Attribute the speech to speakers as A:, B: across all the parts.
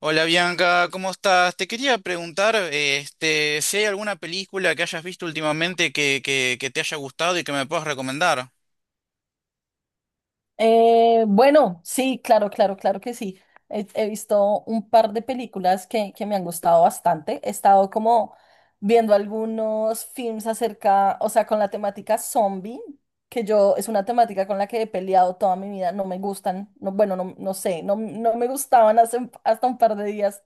A: Hola Bianca, ¿cómo estás? Te quería preguntar, si hay alguna película que hayas visto últimamente que te haya gustado y que me puedas recomendar.
B: Bueno, sí, claro, claro, claro que sí. He visto un par de películas que me han gustado bastante. He estado como viendo algunos films acerca, o sea, con la temática zombie, que yo es una temática con la que he peleado toda mi vida. No me gustan, no, bueno, no, no sé, no, no me gustaban hasta un par de días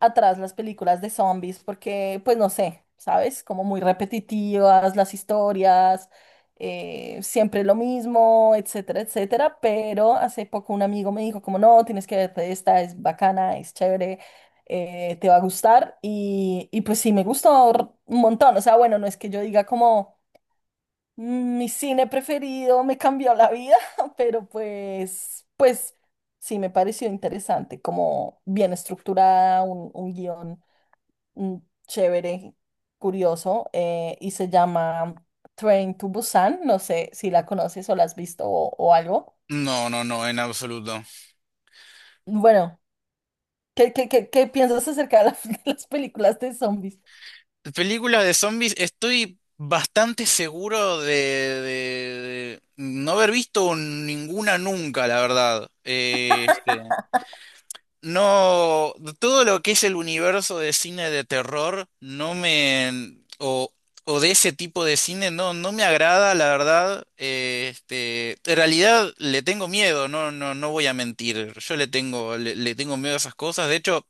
B: atrás las películas de zombies porque, pues no sé, ¿sabes? Como muy repetitivas las historias, siempre lo mismo, etcétera, etcétera. Pero hace poco un amigo me dijo como, no, tienes que verte esta, es bacana, es chévere, te va a gustar. Y pues sí, me gustó un montón. O sea, bueno, no es que yo diga como "mi cine preferido me cambió la vida", pero pues sí me pareció interesante, como bien estructurada, un guión mm, chévere, curioso, y se llama Train to Busan. No sé si la conoces o la has visto o algo.
A: No, no, no, en absoluto.
B: Bueno, ¿qué piensas acerca de las películas de zombies?
A: Películas de zombies, estoy bastante seguro de, de no haber visto ninguna nunca, la verdad. No, todo lo que es el universo de cine de terror, no me, o, o de ese tipo de cine, no, no me agrada, la verdad. En realidad le tengo miedo, no, no, no voy a mentir. Yo le tengo, le tengo miedo a esas cosas. De hecho,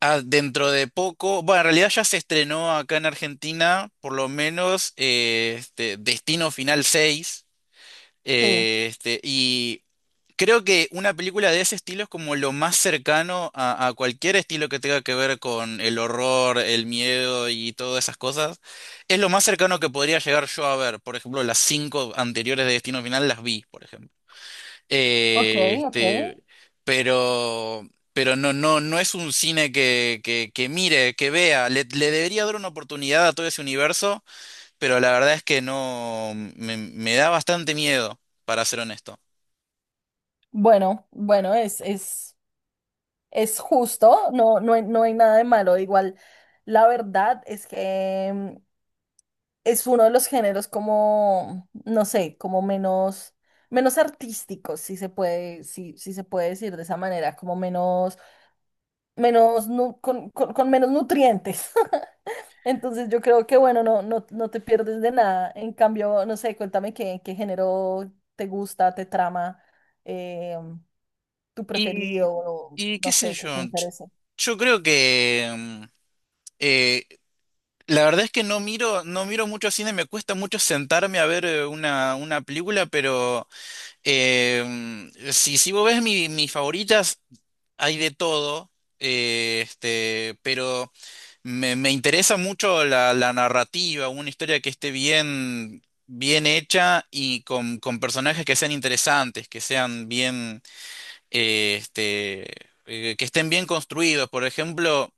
A: dentro de poco, bueno, en realidad ya se estrenó acá en Argentina, por lo menos, Destino Final 6.
B: Sí,
A: Y creo que una película de ese estilo es como lo más cercano a cualquier estilo que tenga que ver con el horror, el miedo y todas esas cosas. Es lo más cercano que podría llegar yo a ver. Por ejemplo, las cinco anteriores de Destino Final las vi, por ejemplo.
B: ok,
A: Eh,
B: ok.
A: este, pero, pero no, no, no es un cine que mire, que vea. Le debería dar una oportunidad a todo ese universo, pero la verdad es que no, me da bastante miedo, para ser honesto.
B: Bueno, bueno, es justo, no, no hay nada de malo. Igual, la verdad es que es uno de los géneros como, no sé, como menos artísticos, si se puede, si se puede decir de esa manera, como menos, menos, nu- con menos nutrientes. Entonces yo creo que, bueno, no, no, no te pierdes de nada. En cambio, no sé, cuéntame qué género te gusta, te trama, eh, tu
A: Y,
B: preferido, o
A: y qué
B: no
A: sé
B: sé, que
A: yo,
B: te interese.
A: yo creo que eh, la verdad es que no miro, no miro mucho cine, me cuesta mucho sentarme a ver una película, pero si, mis favoritas, hay de todo, pero me interesa mucho la, la narrativa, una historia que esté bien, bien hecha y con personajes que sean interesantes, que sean bien, eh, este, que estén bien construidos. Por ejemplo,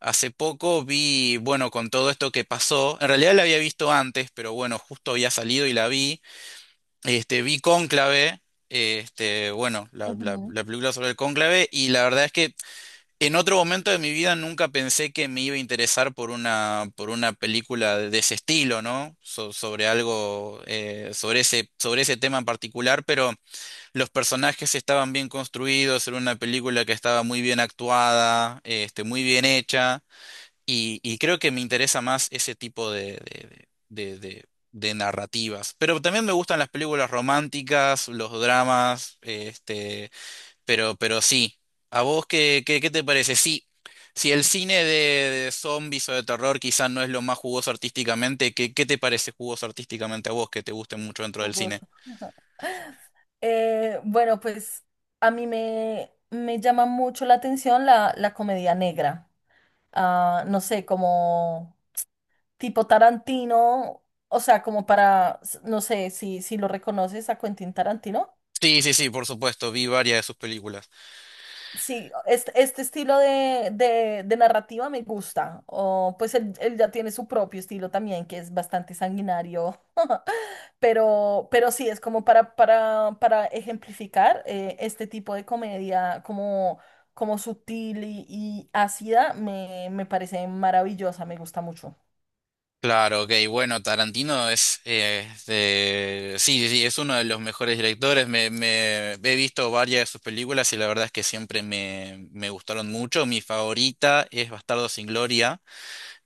A: hace poco vi, bueno, con todo esto que pasó, en realidad la había visto antes, pero bueno, justo había salido y la vi. Este, vi Cónclave, este, bueno, la, la,
B: Ujú.
A: la película sobre el cónclave, y la verdad es que en otro momento de mi vida nunca pensé que me iba a interesar por una película de ese estilo, ¿no? Sobre algo, sobre ese tema en particular, pero los personajes estaban bien construidos, era una película que estaba muy bien actuada, este, muy bien hecha, y creo que me interesa más ese tipo de, de narrativas. Pero también me gustan las películas románticas, los dramas, este. Pero sí. ¿A vos qué, qué te parece? Sí, si el cine de zombies o de terror quizás no es lo más jugoso artísticamente, ¿qué, qué te parece jugoso artísticamente a vos que te guste mucho dentro del cine?
B: Jugoso. Bueno, pues a mí me llama mucho la atención la comedia negra. Ah, no sé, como tipo Tarantino, o sea, como para, no sé si, lo reconoces a Quentin Tarantino.
A: Sí, sí, sí, por supuesto, vi varias de sus películas.
B: Sí, este estilo de, de narrativa me gusta. O pues él ya tiene su propio estilo también, que es bastante sanguinario. Pero sí, es como para, para ejemplificar este tipo de comedia como sutil y ácida, me parece maravillosa, me gusta mucho.
A: Claro, ok, bueno, Tarantino es, sí, sí, sí, es uno de los mejores directores. He visto varias de sus películas y la verdad es que siempre me, me gustaron mucho. Mi favorita es Bastardo sin Gloria.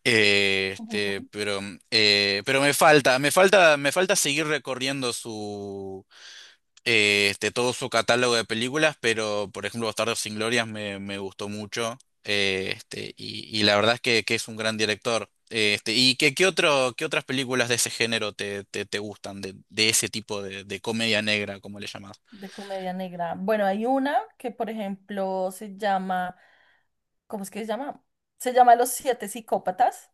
A: Eh, este, pero, pero me falta, me falta, me falta seguir recorriendo su, todo su catálogo de películas, pero por ejemplo, Bastardos sin Glorias me, me gustó mucho, y la verdad es que es un gran director. ¿Y qué, qué otro, qué otras películas de ese género te, te gustan, de ese tipo de comedia negra, como le llamás?
B: De comedia negra. Bueno, hay una que, por ejemplo, se llama, ¿cómo es que se llama? Se llama Los Siete Psicópatas.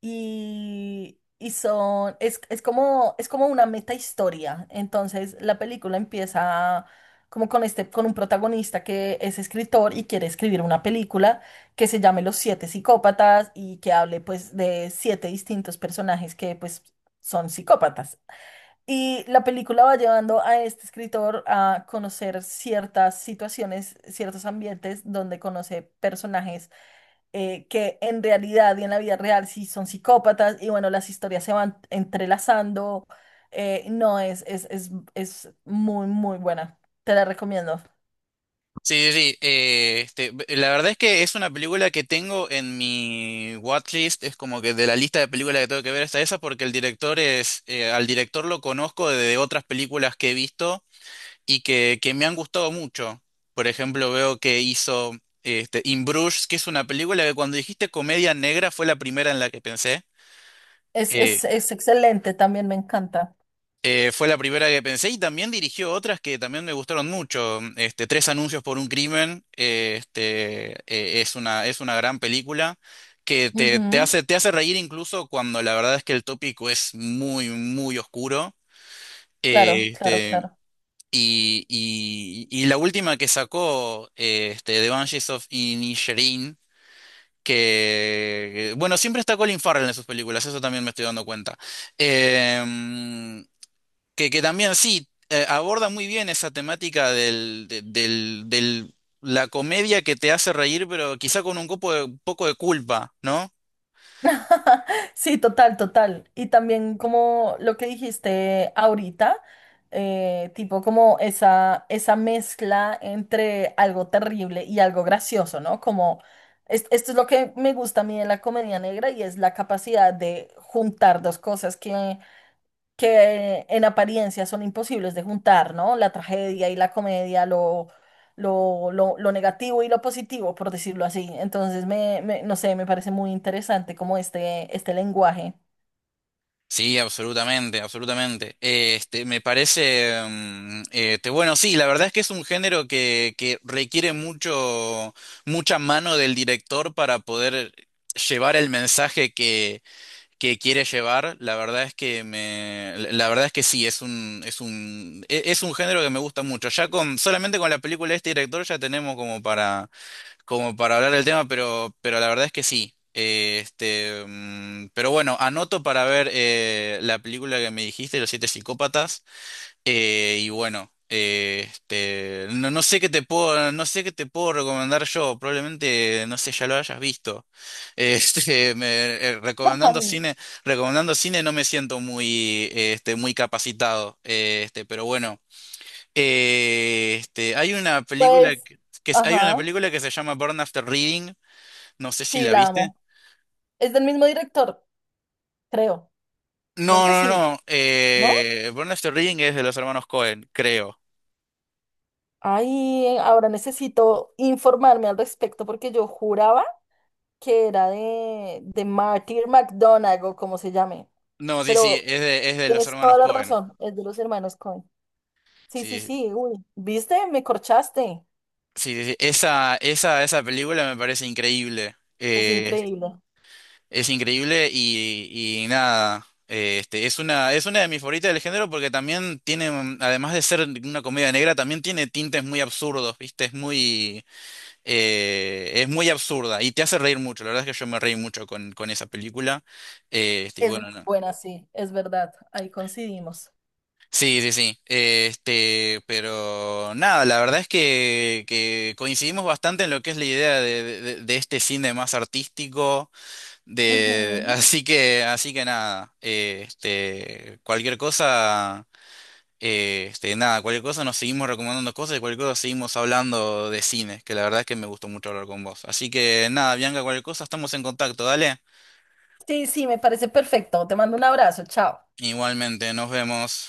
B: Y son, es como una meta historia. Entonces la película empieza como con un protagonista que es escritor y quiere escribir una película que se llame Los Siete Psicópatas y que hable pues de siete distintos personajes que pues son psicópatas. Y la película va llevando a este escritor a conocer ciertas situaciones, ciertos ambientes donde conoce personajes que en realidad y en la vida real sí son psicópatas y bueno, las historias se van entrelazando. No, es muy, muy buena. Te la recomiendo.
A: Sí, sí, sí, la verdad es que es una película que tengo en mi watchlist, es como que de la lista de películas que tengo que ver está esa porque el director es, al director lo conozco de otras películas que he visto y que me han gustado mucho. Por ejemplo, veo que hizo este, In Bruges, que es una película que cuando dijiste comedia negra fue la primera en la que pensé.
B: Es,
A: eh,
B: es, es excelente, también me encanta.
A: fue la primera que pensé y también dirigió otras que también me gustaron mucho. Este, Tres anuncios por un crimen, es una gran película que te,
B: Ujú.
A: te hace reír incluso cuando la verdad es que el tópico es muy, muy oscuro.
B: Claro,
A: Eh,
B: claro,
A: este,
B: claro.
A: y, y la última que sacó, The Banshees of Inisherin, que, bueno, siempre está Colin Farrell en sus películas, eso también me estoy dando cuenta. Em, que también sí, aborda muy bien esa temática del, la comedia que te hace reír, pero quizá con un poco de culpa, ¿no?
B: Sí, total, total. Y también como lo que dijiste ahorita, tipo como esa mezcla entre algo terrible y algo gracioso, ¿no? Como esto es lo que me gusta a mí de la comedia negra y es la capacidad de juntar dos cosas que en apariencia son imposibles de juntar, ¿no? La tragedia y la comedia, lo negativo y lo positivo, por decirlo así. Entonces, no sé, me parece muy interesante como este lenguaje.
A: Sí, absolutamente, absolutamente. Me parece, bueno, sí, la verdad es que es un género que requiere mucho, mucha mano del director para poder llevar el mensaje que quiere llevar, la verdad es que me, la verdad es que sí, es un, es un, es un género que me gusta mucho. Ya con, solamente con la película de este director ya tenemos como para, como para hablar del tema, pero la verdad es que sí. Pero bueno, anoto para ver la película que me dijiste, Los Siete Psicópatas. Y bueno, no, no sé qué te puedo, no sé qué te puedo recomendar yo, probablemente, no sé, ya lo hayas visto. Este, me- Recomendando cine, recomendando cine no me siento muy, muy capacitado. Pero bueno, hay una película
B: Pues,
A: que, hay una
B: ajá,
A: película que se llama Burn After Reading, no sé si
B: sí,
A: la
B: la
A: viste.
B: amo. Es del mismo director, creo, creo
A: No,
B: que
A: no,
B: sí,
A: no.
B: ¿no?
A: Burn After Reading es de los hermanos Cohen, creo.
B: Ay, ahora necesito informarme al respecto porque yo juraba que era de, Martyr McDonagh o como se llame.
A: No, sí, sí,
B: Pero
A: es de los
B: tienes
A: hermanos
B: toda la
A: Cohen.
B: razón, es de los hermanos Coen. Sí, sí, sí, uy, ¿viste? Me corchaste.
A: Sí, sí, sí. Esa película me parece increíble.
B: Es increíble.
A: Es increíble y nada. Es una, es una de mis favoritas del género porque también tiene, además de ser una comedia negra, también tiene tintes muy absurdos, ¿viste? Es muy absurda y te hace reír mucho. La verdad es que yo me reí mucho con esa película. Y
B: Es muy
A: bueno, no.
B: buena, sí, es verdad. Ahí coincidimos.
A: Sí, sí, sí. Este, pero nada, la verdad es que coincidimos bastante en lo que es la idea de, de este cine más artístico, de,
B: Ujú.
A: así que nada, cualquier cosa, nada, cualquier cosa nos seguimos recomendando cosas y cualquier cosa seguimos hablando de cine, que la verdad es que me gustó mucho hablar con vos. Así que nada, Bianca, cualquier cosa, estamos en contacto, dale.
B: Sí, sí, me parece perfecto. Te mando un abrazo, chao.
A: Igualmente, nos vemos.